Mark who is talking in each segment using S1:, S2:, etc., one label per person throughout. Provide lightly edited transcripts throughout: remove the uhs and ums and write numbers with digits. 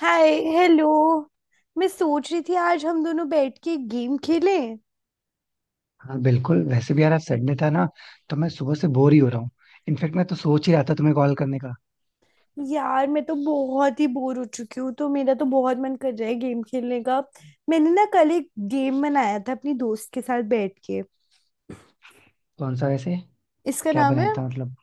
S1: हाय। Hello. मैं सोच रही थी आज हम दोनों बैठ के गेम खेलें।
S2: हाँ, बिल्कुल. वैसे भी यार, आज संडे था ना, तो मैं सुबह से बोर ही हो रहा हूँ. इनफेक्ट मैं तो सोच ही रहा था तुम्हें कॉल करने का.
S1: यार मैं तो बहुत ही बोर हो चुकी हूँ, तो मेरा तो बहुत मन कर रहा है गेम खेलने का। मैंने कल एक गेम बनाया था अपनी दोस्त के साथ बैठ के।
S2: कौन सा वैसे?
S1: इसका
S2: क्या
S1: नाम
S2: बनाया
S1: है,
S2: था मतलब?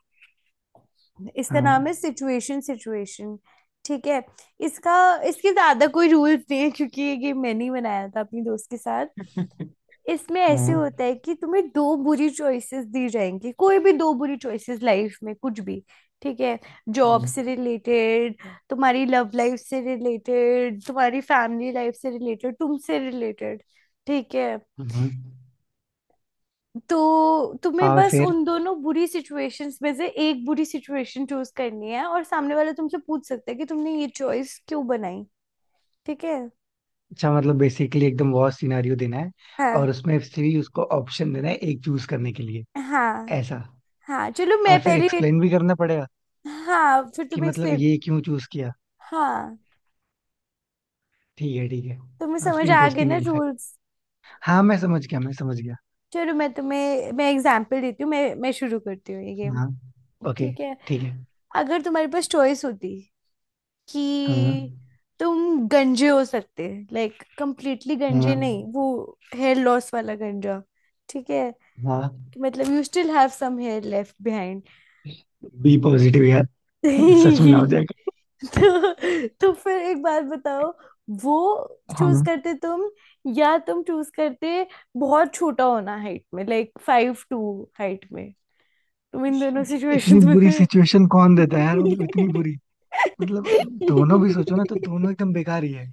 S1: इसका
S2: हाँ.
S1: नाम है सिचुएशन सिचुएशन ठीक है। इसका इसके ज्यादा कोई रूल्स नहीं है क्योंकि ये गेम मैंने ही बनाया था अपनी दोस्त के साथ। इसमें ऐसे
S2: हाँ,
S1: होता है कि तुम्हें दो बुरी चॉइसेस दी जाएंगी, कोई भी दो बुरी चॉइसेस, लाइफ में कुछ भी। ठीक है। जॉब
S2: हाँ.
S1: से रिलेटेड, तुम्हारी लव लाइफ से रिलेटेड, तुम्हारी फैमिली लाइफ से रिलेटेड, तुमसे रिलेटेड। ठीक है।
S2: हम्म।
S1: तो तुम्हें
S2: और
S1: बस
S2: फिर?
S1: उन दोनों बुरी सिचुएशंस में से एक बुरी सिचुएशन चूज करनी है, और सामने वाला तुमसे पूछ सकता है कि तुमने ये चॉइस क्यों बनाई। ठीक है।
S2: अच्छा, मतलब बेसिकली एकदम वॉर सिनेरियो देना है.
S1: हाँ।
S2: और उसमें से भी उसको ऑप्शन देना है एक चूज करने के लिए.
S1: हाँ।
S2: ऐसा?
S1: हाँ, चलो मैं
S2: और फिर
S1: पहले।
S2: एक्सप्लेन भी करना पड़ेगा?
S1: हाँ, फिर
S2: कि
S1: तुम्हें
S2: मतलब
S1: एक्सप्लेन।
S2: ये क्यों चूज किया.
S1: हाँ।
S2: ठीक है, ठीक है.
S1: तुम्हें
S2: काफी
S1: समझ आ गए
S2: इंटरेस्टिंग
S1: ना
S2: है इनफैक्ट.
S1: रूल्स?
S2: हाँ, मैं समझ गया, मैं समझ गया.
S1: चलो मैं तुम्हें, मैं एग्जांपल देती हूँ। मैं शुरू करती हूँ ये गेम।
S2: हाँ. ओके.
S1: ठीक है।
S2: ठीक है.
S1: अगर तुम्हारे पास चॉइस होती
S2: हाँ.
S1: कि तुम गंजे हो सकते, लाइक कंप्लीटली गंजे
S2: हाँ.
S1: नहीं, वो हेयर लॉस वाला गंजा। ठीक है।
S2: हाँ.
S1: कि मतलब you still have some hair left behind.
S2: Be positive यार. सच में ना हो जाएगा.
S1: तो फिर एक बात बताओ, वो चूज
S2: हम.
S1: करते तुम, या तुम चूज करते बहुत छोटा होना हाइट में, लाइक 5'2"। हाइट में? तुम इन दोनों
S2: इतनी
S1: सिचुएशंस में
S2: बुरी
S1: थे।
S2: सिचुएशन कौन देता है यार, मतलब इतनी बुरी. मतलब दोनों भी सोचो ना, तो दोनों एकदम बेकार ही है.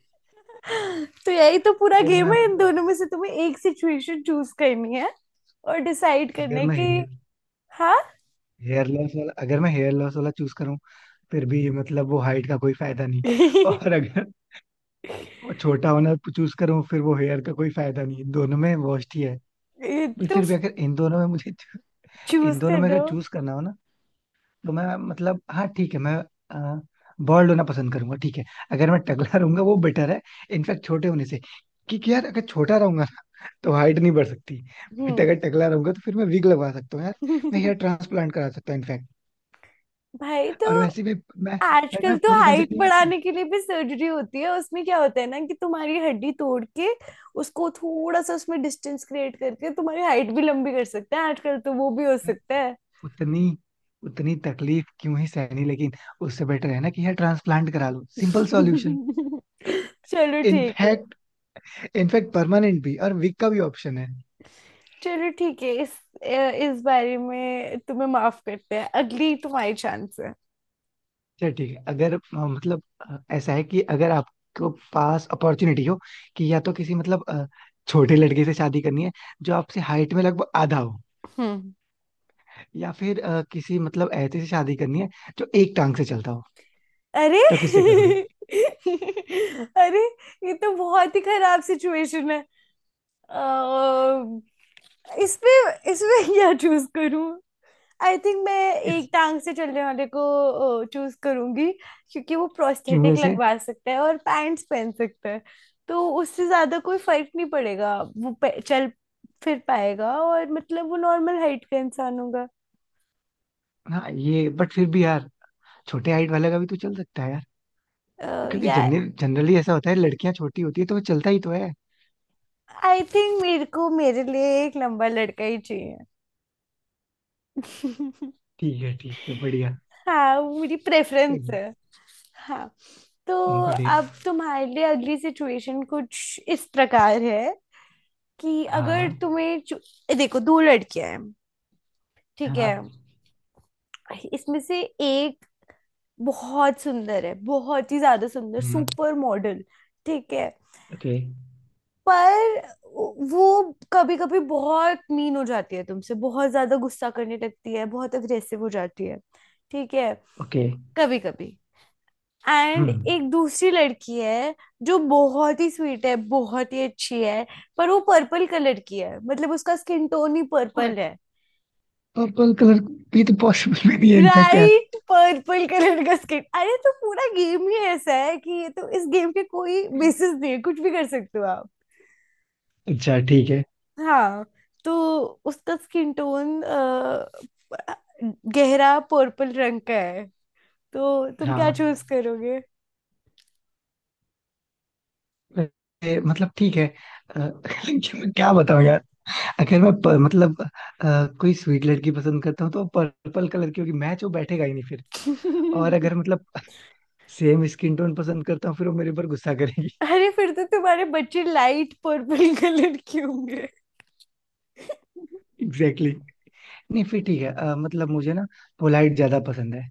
S1: तो यही तो पूरा
S2: अगर
S1: गेम
S2: मैं,
S1: है, इन
S2: मतलब,
S1: दोनों में से तुम्हें एक सिचुएशन चूज करनी है और डिसाइड करना
S2: अगर
S1: है
S2: मैं
S1: कि।
S2: हेयर
S1: हाँ।
S2: हेयर लॉस वाला अगर मैं हेयर लॉस वाला चूज करूँ, फिर भी मतलब वो हाइट का कोई फायदा नहीं.
S1: ये
S2: और अगर वो छोटा होना चूज करूँ, फिर वो हेयर का कोई फायदा नहीं. दोनों में worst ही है. बट
S1: तो
S2: फिर भी अगर इन दोनों में मुझे इन
S1: चूज
S2: दोनों
S1: कर
S2: में
S1: रहे
S2: अगर
S1: हो।
S2: चूज करना हो ना, तो मैं, मतलब, हाँ, ठीक है, मैं बॉल्ड होना पसंद करूंगा, ठीक है. अगर मैं टकला रहूंगा, वो बेटर है इनफैक्ट छोटे होने से. क्योंकि यार, अगर छोटा रहूंगा ना, तो हाइट नहीं बढ़ सकती. बट
S1: हम्म।
S2: अगर टकला रहूंगा तो फिर मैं विग लगवा सकता हूँ यार. मैं हेयर ट्रांसप्लांट करा सकता हूँ इनफैक्ट.
S1: भाई तो
S2: और वैसे भी मैं मैं,
S1: आजकल
S2: मैं
S1: तो
S2: पूरा कंजर
S1: हाइट
S2: नहीं. मैं
S1: बढ़ाने के लिए भी सर्जरी होती है, उसमें क्या होता है ना कि तुम्हारी हड्डी तोड़ के उसको थोड़ा सा, उसमें डिस्टेंस क्रिएट करके तुम्हारी हाइट भी लंबी कर सकते हैं, आजकल तो वो भी हो सकता है।
S2: उतनी उतनी तकलीफ क्यों ही सहनी, लेकिन उससे बेटर है ना कि हेयर ट्रांसप्लांट करा लो, सिंपल सॉल्यूशन.
S1: चलो ठीक है।
S2: इनफैक्ट इनफैक्ट परमानेंट भी और विग का भी ऑप्शन है.
S1: चलो ठीक है। इस बारे में तुम्हें माफ करते हैं, अगली तुम्हारी चांस है।
S2: चल ठीक है, अगर मतलब, ऐसा है कि अगर आपको पास अपॉर्चुनिटी हो कि या तो किसी, मतलब, छोटे लड़के से शादी करनी है जो आपसे हाइट में लगभग आधा हो,
S1: हम्म।
S2: या फिर किसी, मतलब, ऐसे से शादी करनी है जो एक टांग से चलता हो,
S1: अरे।
S2: तो किससे करोगे?
S1: अरे, ये तो बहुत ही खराब सिचुएशन है। अ, इसमें इसमें क्या चूज करूं? आई थिंक मैं एक
S2: इस
S1: टांग से चलने वाले को चूज करूंगी, क्योंकि वो
S2: क्यों
S1: प्रोस्थेटिक
S2: से?
S1: लगवा सकता है और पैंट्स पहन सकता है, तो उससे ज्यादा कोई फर्क नहीं पड़ेगा, चल फिर पाएगा, और मतलब वो नॉर्मल हाइट का इंसान होगा।
S2: हाँ, ये, बट फिर भी यार, छोटे हाइट वाले का भी तो चल सकता है यार. क्योंकि
S1: या
S2: जनरली ऐसा होता है, लड़कियां छोटी होती है, तो वो चलता ही तो है.
S1: आई थिंक मेरे को, मेरे लिए एक लंबा लड़का ही चाहिए।
S2: ठीक है, ठीक है, बढ़िया.
S1: हाँ वो मेरी प्रेफरेंस है। हाँ। तो
S2: बढ़िया.
S1: अब तुम्हारे लिए अगली सिचुएशन कुछ इस प्रकार है कि अगर
S2: हाँ.
S1: देखो दो लड़कियां हैं। ठीक है।
S2: हाँ.
S1: इसमें से एक बहुत सुंदर है, बहुत ही ज्यादा सुंदर,
S2: हम्म.
S1: Super model. ठीक है।
S2: ओके.
S1: पर वो कभी कभी बहुत मीन हो जाती है, तुमसे बहुत ज्यादा गुस्सा करने लगती है, बहुत अग्रेसिव हो जाती है। ठीक है।
S2: ओके.
S1: कभी कभी। एंड
S2: हम्म.
S1: एक दूसरी लड़की है जो बहुत ही स्वीट है, बहुत ही अच्छी है, पर वो पर्पल कलर की है, मतलब उसका स्किन टोन ही पर्पल है।
S2: पर्पल कलर भी तो पॉसिबल भी नहीं है इनफैक्ट यार.
S1: ब्राइट पर्पल कलर का स्किन, अरे तो पूरा गेम ही ऐसा है कि ये तो, इस गेम के कोई बेसिस नहीं है, कुछ भी कर सकते हो आप।
S2: अच्छा, ठीक है.
S1: हाँ। तो उसका स्किन टोन गहरा पर्पल रंग का है, तो तुम क्या
S2: हाँ.
S1: चूज करोगे?
S2: मतलब ठीक है, अ, लेकिन मैं क्या बताऊं यार. अगर मैं मतलब, कोई स्वीट लड़की पसंद करता हूँ तो पर्पल कलर की होगी, मैच वो बैठेगा ही नहीं फिर. और अगर मतलब सेम स्किन टोन पसंद करता हूँ, फिर वो मेरे पर गुस्सा करेगी.
S1: अरे फिर तो तुम्हारे बच्चे लाइट पर्पल कलर के होंगे।
S2: Exactly exactly. नहीं, फिर ठीक है, मतलब मुझे ना पोलाइट ज्यादा पसंद है.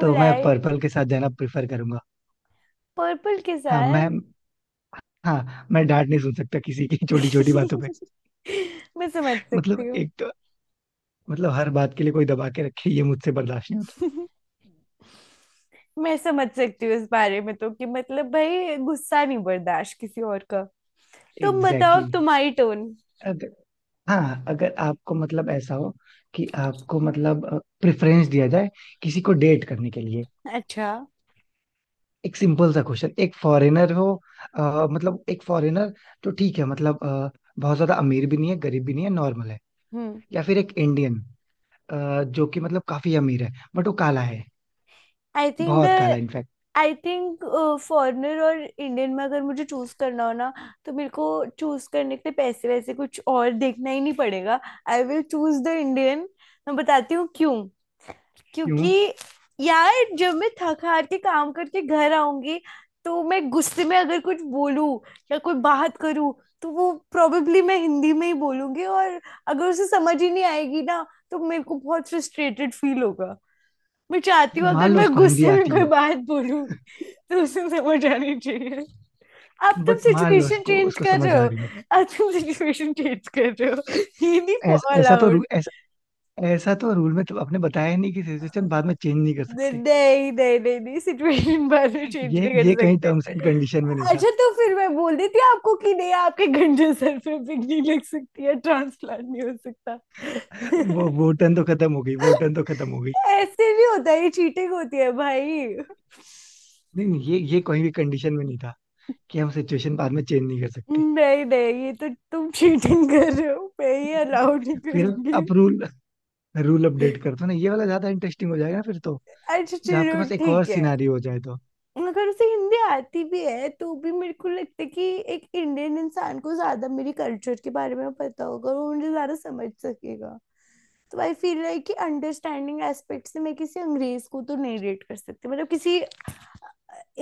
S2: तो मैं पर्पल के साथ जाना प्रेफर करूंगा.
S1: पर्पल के
S2: हाँ
S1: साथ।
S2: मैं हाँ, मैं डांट नहीं सुन सकता किसी की छोटी छोटी बातों पे.
S1: मैं समझ सकती
S2: मतलब
S1: हूँ।
S2: एक तो, मतलब हर बात के लिए कोई दबा के रखे, ये मुझसे बर्दाश्त नहीं होता.
S1: मैं समझ सकती हूँ इस बारे में तो, कि मतलब भाई गुस्सा नहीं बर्दाश्त किसी और का। तुम बताओ,
S2: एग्जैक्टली
S1: अब
S2: exactly.
S1: तुम्हारी टोन।
S2: अगर, हाँ, अगर आपको मतलब ऐसा हो कि आपको मतलब प्रेफरेंस दिया जाए किसी को डेट करने के लिए.
S1: अच्छा।
S2: एक सिंपल सा क्वेश्चन, एक फॉरेनर हो, मतलब एक फॉरेनर, तो ठीक है, मतलब, बहुत ज्यादा अमीर भी नहीं है, गरीब भी नहीं है, नॉर्मल है.
S1: हम्म।
S2: या फिर एक इंडियन, जो कि मतलब काफी अमीर है, बट वो काला है.
S1: आई थिंक द,
S2: बहुत काला इनफैक्ट.
S1: आई थिंक फॉरेनर और इंडियन में अगर मुझे चूज करना हो ना, तो मेरे को चूज करने के लिए पैसे वैसे कुछ और देखना ही नहीं पड़ेगा। I will choose the Indian. मैं बताती हूँ क्यों।
S2: क्यों?
S1: क्योंकि यार जब मैं थक हार के काम करके घर आऊंगी, तो मैं गुस्से में अगर कुछ बोलूं या कोई बात करूं, तो वो प्रोबेबली, मैं हिंदी में ही बोलूंगी, और अगर उसे समझ ही नहीं आएगी ना, तो मेरे को बहुत फ्रस्ट्रेटेड फील होगा। मैं चाहती हूँ अगर
S2: मान लो
S1: मैं
S2: उसको हिंदी
S1: गुस्से में
S2: आती
S1: कोई
S2: हो.
S1: बात बोलूं तो उसे समझ आनी चाहिए। अब तुम
S2: बट मान लो
S1: सिचुएशन
S2: उसको
S1: चेंज
S2: उसको
S1: कर रहे
S2: समझ आ
S1: हो।
S2: रही हो.
S1: अब तुम सिचुएशन चेंज कर रहे हो, हिंदी नहीं
S2: ऐस, ऐसा तो
S1: अलाउड।
S2: रू- ऐस, ऐसा तो रूल में तो आपने बताया ही नहीं कि सिचुएशन बाद में चेंज नहीं कर
S1: नहीं
S2: सकते.
S1: नहीं। नहीं नहीं, सिचुएशन बाद में चेंज
S2: ये
S1: नहीं कर
S2: ये कहीं
S1: सकते।
S2: टर्म्स एंड कंडीशन में नहीं था.
S1: अच्छा तो फिर मैं बोल देती आपको कि नहीं, आपके गंजे सर पे पिक नहीं लग सकती है, ट्रांसप्लांट नहीं हो सकता।
S2: वो टर्न तो खत्म हो गई, वो टर्न तो खत्म हो गई.
S1: ऐसे भी होता है ये, चीटिंग होती है भाई।
S2: नहीं, नहीं, ये कहीं भी कंडीशन में नहीं था कि हम सिचुएशन बाद में चेंज नहीं कर सकते.
S1: नहीं नहीं, ये तो तुम चीटिंग कर रहे हो, मैं ये अलाउ नहीं
S2: फिर
S1: करूंगी।
S2: आप रूल रूल अपडेट कर दो ना, ये वाला ज्यादा इंटरेस्टिंग हो जाएगा फिर तो.
S1: अच्छा
S2: जब आपके
S1: चलो
S2: पास एक और
S1: ठीक है।
S2: सिनारियो हो जाए तो.
S1: अगर उसे हिंदी आती भी है, तो भी मेरे को लगता है कि एक इंडियन इंसान को ज्यादा मेरी कल्चर के बारे में पता होगा और वो मुझे ज्यादा समझ सकेगा। तो आई फील लाइक कि अंडरस्टैंडिंग एस्पेक्ट से, मैं किसी अंग्रेज को तो नहीं रेट कर सकती, मतलब किसी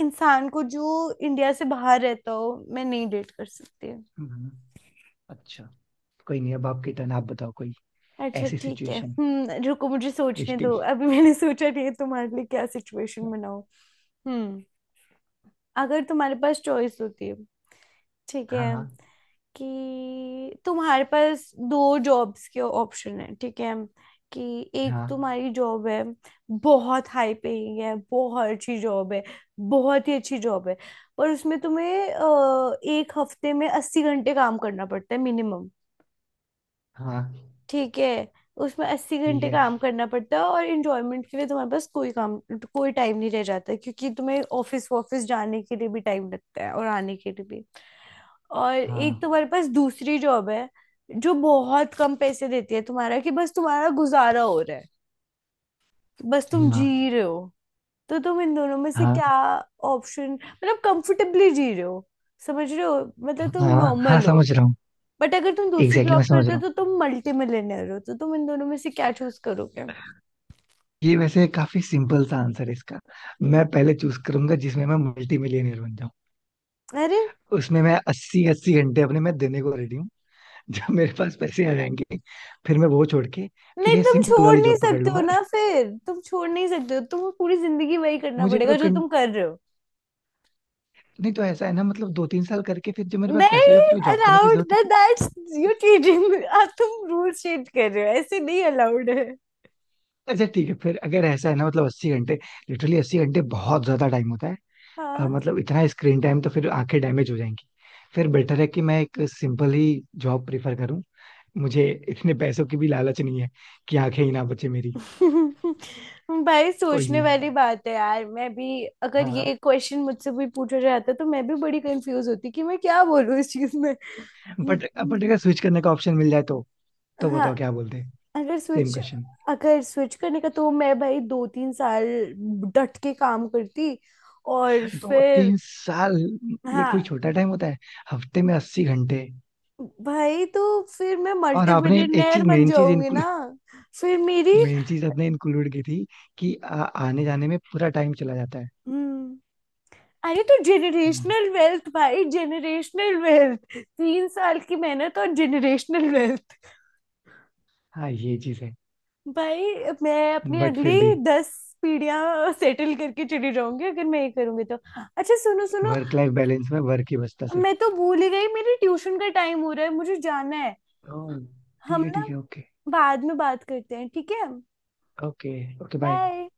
S1: इंसान को जो इंडिया से बाहर रहता हो, मैं नहीं डेट कर सकती हूँ।
S2: हम्म. अच्छा. कोई नहीं, अब आपकी टर्न, आप बताओ कोई
S1: अच्छा
S2: ऐसी
S1: ठीक है।
S2: सिचुएशन,
S1: हम्म, रुको मुझे सोचने
S2: ट्विस्टिंग.
S1: दो, अभी मैंने सोचा नहीं है तुम्हारे लिए क्या सिचुएशन बनाऊं। हम्म। अगर तुम्हारे पास चॉइस होती है, ठीक है,
S2: हाँ.
S1: कि तुम्हारे पास दो जॉब्स के ऑप्शन है। ठीक है। कि एक
S2: हाँ.
S1: तुम्हारी जॉब है, बहुत हाई पेइंग है, बहुत अच्छी जॉब है, बहुत ही अच्छी जॉब है, और उसमें तुम्हें एक हफ्ते में 80 घंटे काम करना पड़ता है मिनिमम।
S2: हाँ.
S1: ठीक है। उसमें अस्सी
S2: ठीक
S1: घंटे
S2: है.
S1: काम करना पड़ता है और इंजॉयमेंट के लिए तुम्हारे पास कोई काम, कोई टाइम नहीं रह जाता है, क्योंकि तुम्हें ऑफिस ऑफिस जाने के लिए भी टाइम लगता है और आने के लिए भी। और एक
S2: हाँ.
S1: तुम्हारे पास दूसरी जॉब है, जो बहुत कम पैसे देती है तुम्हारा, कि बस तुम्हारा गुजारा हो रहा है, बस तुम जी
S2: हाँ.
S1: रहे हो। तो तुम इन दोनों में से
S2: हाँ.
S1: क्या ऑप्शन, मतलब कंफर्टेबली जी रहे हो, समझ रहे हो, मतलब तुम
S2: हाँ. हाँ,
S1: नॉर्मल हो।
S2: समझ रहा हूँ.
S1: बट अगर तुम
S2: एग्जैक्टली
S1: दूसरी
S2: exactly, मैं
S1: जॉब
S2: समझ
S1: करते
S2: रहा
S1: हो,
S2: हूँ.
S1: तो तुम मल्टी मिलियनर हो। तो तुम इन दोनों में से क्या चूज करोगे?
S2: ये वैसे काफी सिंपल सा आंसर है इसका.
S1: हम्म।
S2: मैं पहले चूज करूंगा जिसमें मैं मल्टी मिलियनर बन जाऊँ.
S1: अरे
S2: उसमें मैं 80-80 घंटे अपने मैं देने को रेडी हूँ. जब मेरे पास पैसे आ जाएंगे, फिर मैं वो छोड़ के फिर
S1: नहीं,
S2: ये
S1: तुम
S2: सिंपल
S1: छोड़
S2: वाली
S1: नहीं
S2: जॉब पकड़
S1: सकते हो
S2: लूंगा.
S1: ना, फिर तुम छोड़ नहीं सकते हो, तुम्हें पूरी जिंदगी वही करना
S2: मुझे वो
S1: पड़ेगा जो
S2: कं...
S1: तुम कर रहे हो।
S2: नहीं तो ऐसा है ना, मतलब 2-3 साल करके फिर जब मेरे पास पैसे हो, या
S1: नहीं
S2: फिर वो जॉब करने की
S1: अलाउड
S2: जरूरत ही
S1: दैट,
S2: क्या?
S1: That's you cheating.
S2: है?
S1: आप, तुम रूल चेंज कर रहे हो, ऐसे नहीं अलाउड है।
S2: अच्छा, ठीक है, फिर अगर ऐसा है ना, मतलब 80 घंटे, लिटरली 80 घंटे बहुत ज्यादा टाइम होता है.
S1: हाँ।
S2: मतलब इतना स्क्रीन टाइम तो फिर आंखें डैमेज हो जाएंगी. फिर बेटर है कि मैं एक सिंपल ही जॉब प्रिफर करूं. मुझे इतने पैसों की भी लालच नहीं है कि आंखें ही ना बचे मेरी.
S1: भाई
S2: कोई
S1: सोचने
S2: नहीं.
S1: वाली बात है यार, मैं भी अगर,
S2: हाँ.
S1: ये क्वेश्चन मुझसे भी पूछा जाता तो मैं भी बड़ी कंफ्यूज होती कि मैं क्या बोलूँ इस चीज में।
S2: बट अगर स्विच करने का ऑप्शन मिल जाए तो
S1: हाँ।
S2: बताओ क्या बोलते हैं.
S1: अगर
S2: सेम
S1: स्विच,
S2: क्वेश्चन.
S1: अगर स्विच करने का, तो मैं भाई 2 3 साल डट के काम करती और
S2: दो
S1: फिर।
S2: तीन साल ये कोई
S1: हाँ।
S2: छोटा टाइम होता है? हफ्ते में 80 घंटे.
S1: भाई तो फिर मैं
S2: और
S1: मल्टी
S2: आपने एक
S1: बिलियनेयर
S2: चीज
S1: बन
S2: मेन चीज
S1: जाऊंगी ना।
S2: इंक्लूड
S1: फिर मेरी।
S2: मेन चीज आपने इंक्लूड की थी कि आने जाने में पूरा टाइम चला जाता है.
S1: हम्म। अरे तो
S2: हम्म.
S1: जेनरेशनल वेल्थ भाई, जेनरेशनल वेल्थ, 3 साल की मेहनत और जेनरेशनल वेल्थ।
S2: हाँ, ये चीज है.
S1: भाई मैं अपनी
S2: बट फिर
S1: अगली
S2: भी
S1: 10 पीढ़ियां सेटल करके चली जाऊंगी अगर मैं ये करूंगी तो। अच्छा सुनो सुनो,
S2: वर्क लाइफ बैलेंस में वर्क ही बचता सिर्फ.
S1: मैं तो भूल ही गई, मेरी ट्यूशन का टाइम हो रहा है, मुझे जाना है।
S2: ओह.
S1: हम
S2: ठीक है,
S1: ना,
S2: ठीक है. ओके.
S1: बाद में बात करते हैं ठीक है।
S2: ओके. Okay, bye.
S1: बाय।